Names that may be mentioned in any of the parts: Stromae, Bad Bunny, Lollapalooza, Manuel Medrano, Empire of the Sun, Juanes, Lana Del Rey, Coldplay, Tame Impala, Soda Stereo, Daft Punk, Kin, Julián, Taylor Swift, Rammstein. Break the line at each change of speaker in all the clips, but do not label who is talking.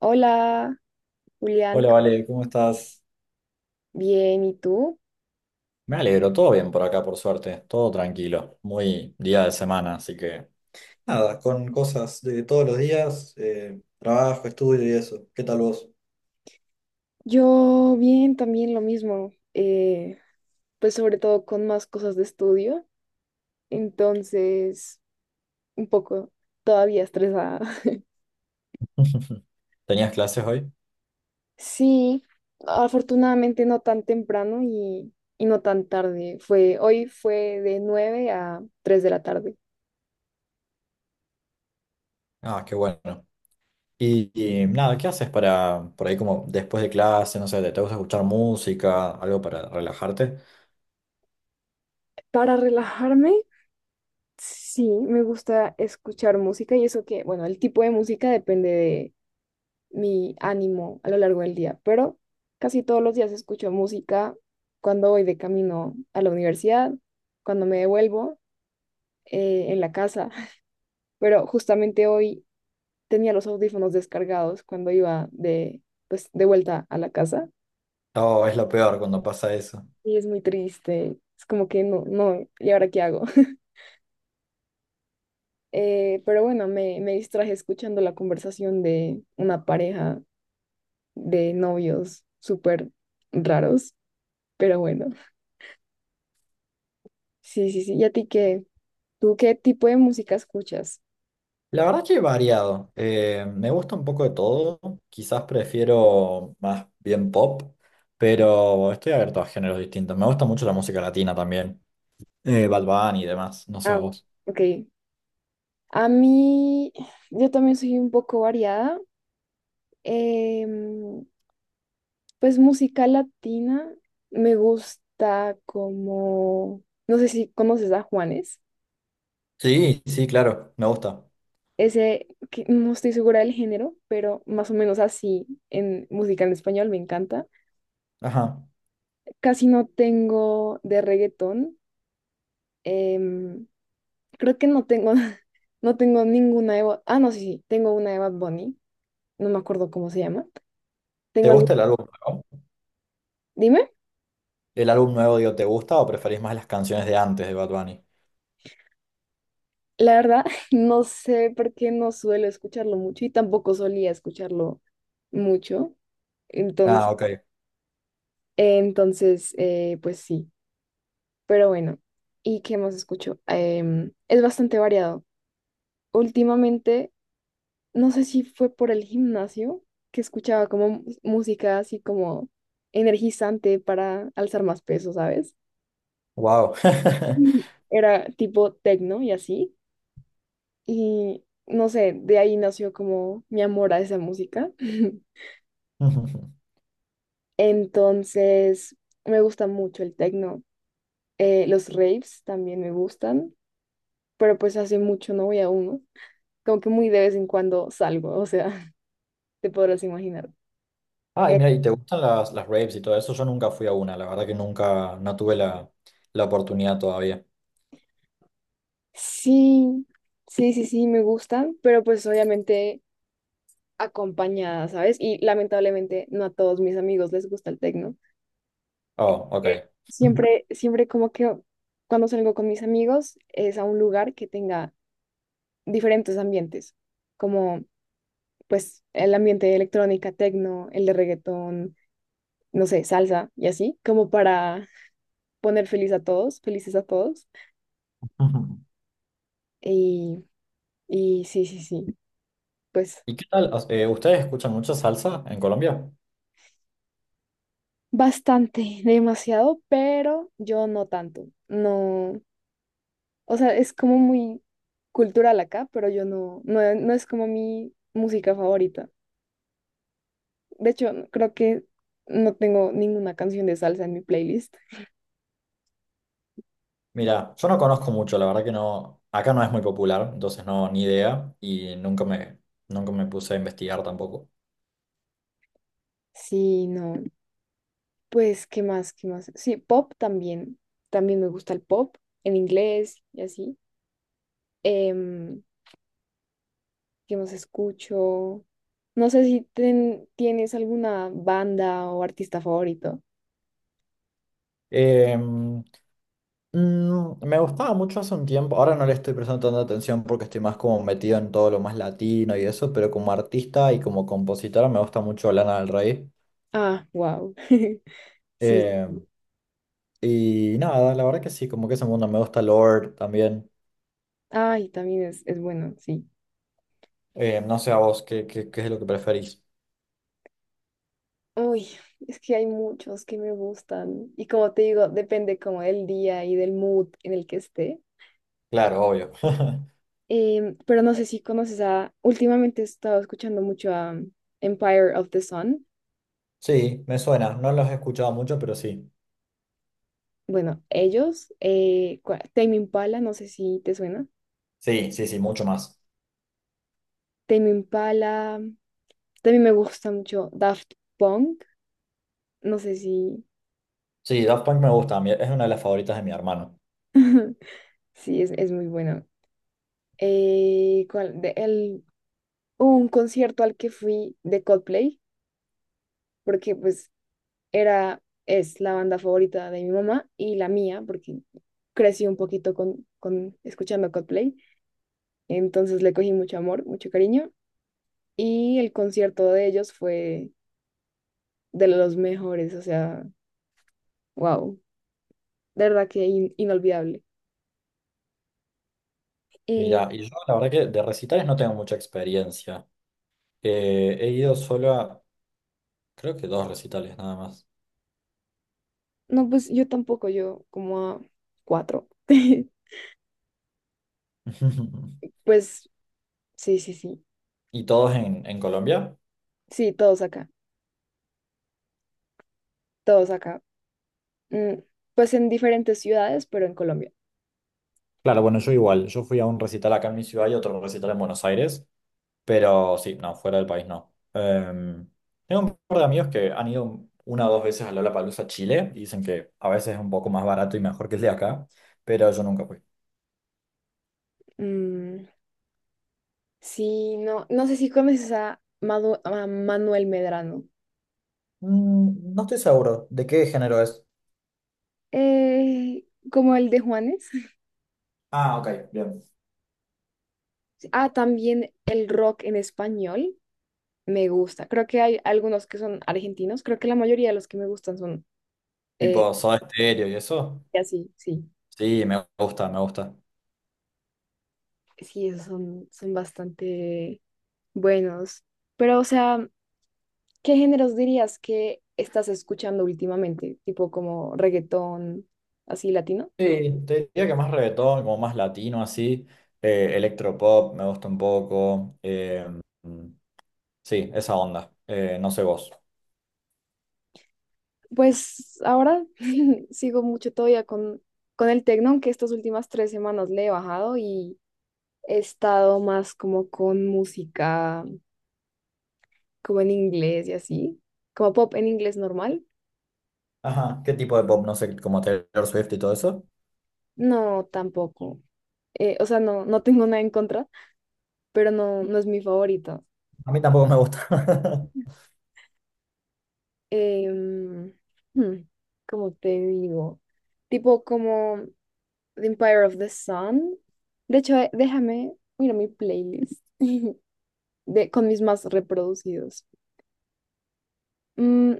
Hola, Julián,
Hola, Vale, ¿cómo estás?
bien, ¿y tú?
Me alegro, todo bien por acá, por suerte, todo tranquilo, muy día de semana, así que nada, con cosas de todos los días, trabajo, estudio y eso. ¿Qué tal vos?
Yo bien, también lo mismo, pues sobre todo con más cosas de estudio, entonces un poco todavía estresada.
¿Tenías clases hoy?
Sí, afortunadamente no tan temprano y no tan tarde, fue, hoy fue de 9 a 3 de la tarde.
Ah, qué bueno. Y, y nada, ¿qué haces para, por ahí como después de clase, no sé, te gusta escuchar música, algo para relajarte?
Para relajarme, sí, me gusta escuchar música y eso que, bueno, el tipo de música depende mi ánimo a lo largo del día, pero casi todos los días escucho música cuando voy de camino a la universidad, cuando me devuelvo en la casa, pero justamente hoy tenía los audífonos descargados cuando iba de, pues, de vuelta a la casa
No, es lo peor cuando pasa eso.
y es muy triste, es como que no, no, ¿y ahora qué hago? Pero bueno, me distraje escuchando la conversación de una pareja de novios súper raros, pero bueno, sí, sí, sí, ¿y a ti qué? ¿Tú qué tipo de música escuchas?
La verdad que variado. Me gusta un poco de todo. Quizás prefiero más bien pop, pero estoy abierto a géneros distintos. Me gusta mucho la música latina también. Bad Bunny y demás. No sé a
Ah,
vos.
ok. A mí, yo también soy un poco variada. Em, pues música latina me gusta como, no sé si conoces a Juanes,
Sí, sí, claro. Me gusta.
ese que no estoy segura del género, pero más o menos así en música en español me encanta.
Ajá.
Casi no tengo de reggaetón. em, creo que no tengo, no tengo ninguna de... Ah, no, sí, sí, tengo una de Bad Bunny, no me acuerdo cómo se llama.
¿Te
Tengo algún...
gusta el álbum nuevo?
Dime,
¿El álbum nuevo, digo, te gusta o preferís más las canciones de antes de Bad Bunny?
la verdad, no sé por qué no suelo escucharlo mucho y tampoco solía escucharlo mucho. Entonces,
Ah, ok.
entonces pues sí, pero bueno. ¿Y qué más escucho? Es bastante variado. Últimamente, no sé si fue por el gimnasio que escuchaba como música así como energizante para alzar más peso, ¿sabes?
Wow.
Mm. Era tipo techno y así. Y no sé, de ahí nació como mi amor a esa música.
Ujú.
Entonces, me gusta mucho el techno. Los raves también me gustan, pero pues hace mucho no voy a uno. Como que muy de vez en cuando salgo, o sea, te podrás imaginar.
Ah, y mira, ¿y te gustan las raves y todo eso? Yo nunca fui a una. La verdad que nunca, no tuve la oportunidad todavía.
Sí, sí, sí, sí, me gustan, pero pues obviamente acompañada, ¿sabes? Y lamentablemente no a todos mis amigos les gusta el techno.
Oh,
Eh,
ok.
Siempre, siempre como que cuando salgo con mis amigos es a un lugar que tenga diferentes ambientes, como pues el ambiente de electrónica, tecno, el de reggaetón, no sé, salsa y así, como para poner feliz a todos, felices a todos. Y, y sí, sí, sí, pues
¿Y qué tal? ¿Ustedes escuchan mucha salsa en Colombia?
bastante, demasiado, pero yo no tanto. No, o sea, es como muy cultural acá, pero yo no, no, no es como mi música favorita. De hecho, creo que no tengo ninguna canción de salsa en mi playlist.
Mira, yo no conozco mucho, la verdad que no, acá no es muy popular, entonces no, ni idea, y nunca me puse a investigar tampoco.
Sí, no, pues, ¿qué más? ¿Qué más? Sí, pop también. También me gusta el pop en inglés y así. Em, ¿Qué más escucho? No sé si tienes alguna banda o artista favorito.
Em, me gustaba mucho hace un tiempo, ahora no le estoy prestando tanta atención porque estoy más como metido en todo lo más latino y eso, pero como artista y como compositora me gusta mucho Lana del Rey.
Ah, wow. Sí.
Em, y nada, la verdad que sí, como que ese mundo me gusta Lord también.
Ay, también es bueno, sí.
No sé a vos qué es lo que preferís.
Uy, es que hay muchos que me gustan y como te digo, depende como del día y del mood en el que esté.
Claro, obvio.
Pero no sé si conoces a, últimamente he estado escuchando mucho a Empire of the Sun.
Sí, me suena. No los he escuchado mucho, pero sí.
Bueno, ellos, Tame Impala, no sé si te suena.
Sí, sí, sí, mucho más.
Tame Impala, también me gusta mucho Daft Punk, no sé si,
Sí, Daft Punk me gusta. Es una de las favoritas de mi hermano.
sí, es muy bueno. ¿Cuál? El, un concierto al que fui de Coldplay porque pues era, es la banda favorita de mi mamá y la mía, porque crecí un poquito con, escuchando Coldplay, entonces le cogí mucho amor, mucho cariño, y el concierto de ellos fue de los mejores, o sea, wow, de verdad que inolvidable. Y
Mira, y yo la verdad que de recitales no tengo mucha experiencia. He ido solo a, creo que dos recitales nada más.
no, pues yo tampoco, yo como a cuatro. Pues sí, sí, sí,
¿Y todos en Colombia?
sí, todos acá, todos acá. Mm, pues en diferentes ciudades, pero en Colombia.
Claro, bueno, yo igual. Yo fui a un recital acá en mi ciudad y otro recital en Buenos Aires. Pero sí, no, fuera del país no. Em, tengo un par de amigos que han ido una o dos veces a Lollapalooza, Chile, y dicen que a veces es un poco más barato y mejor que el de acá, pero yo nunca fui.
Mm, sí, no, no sé si conoces a, a Manuel Medrano,
Mm, no estoy seguro de qué género es.
eh, como el de Juanes.
Ah, ok, bien.
Ah, también el rock en español me gusta. Creo que hay algunos que son argentinos. Creo que la mayoría de los que me gustan son eh,
Tipo Soda Stereo y eso.
así, sí.
Sí, me gusta, me gusta.
Sí, esos son, son bastante buenos. Pero, o sea, ¿qué géneros dirías que estás escuchando últimamente? Tipo como reggaetón, así latino.
Sí, te diría que más reggaetón, como más latino así. Electropop me gusta un poco. Em, sí, esa onda. No sé vos.
Pues ahora sigo mucho todavía con el tecno, aunque estas últimas 3 semanas le he bajado y he estado más como con música, como en inglés y así, como pop en inglés normal.
Ajá, ¿qué tipo de pop? No sé, como Taylor Swift y todo eso.
No, tampoco. O sea, no, no tengo nada en contra, pero no, no es mi favorito.
A mí tampoco me gusta.
Em, hmm, ¿cómo te digo? Tipo como The Empire of the Sun. De hecho, déjame, mira mi playlist. de, con mis más reproducidos. Mm,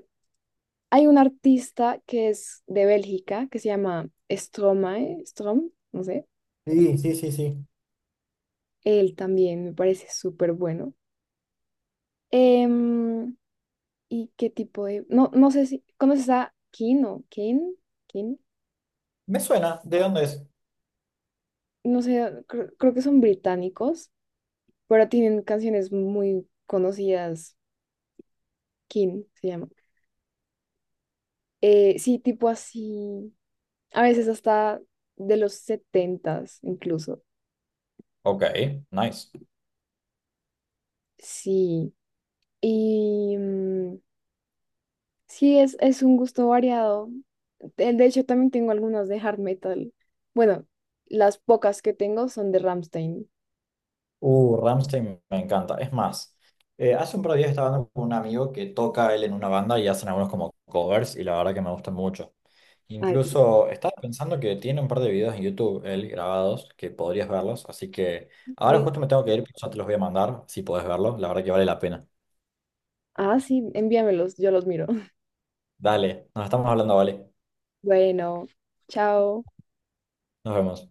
hay un artista que es de Bélgica, que se llama Stromae, Strom, no sé.
Sí, sí, sí, sí.
Él también me parece súper bueno. Em, ¿Y qué tipo de...? No, no sé si... ¿Conoces a Kin o Kin? ¿Kin?
Me suena, ¿de dónde es?
No sé, creo que son británicos, pero tienen canciones muy conocidas. Kin se llama. Sí, tipo así, a veces hasta de los 70 incluso.
Ok, nice.
Sí, y mm, sí, es un gusto variado. De hecho, también tengo algunas de hard metal. Bueno, las pocas que tengo son de Rammstein.
Rammstein me encanta. Es más, hace un par de días estaba hablando con un amigo que toca él en una banda y hacen algunos como covers y la verdad que me gustan mucho.
Ay, qué-
Incluso estaba pensando que tiene un par de videos en YouTube él grabados que podrías verlos, así que ahora
Vale.
justo me tengo que ir, pero ya te los voy a mandar si podés verlos, la verdad que vale la pena.
Ah, sí, envíamelos, yo los miro.
Dale, nos estamos hablando, vale.
Bueno, chao.
Nos vemos.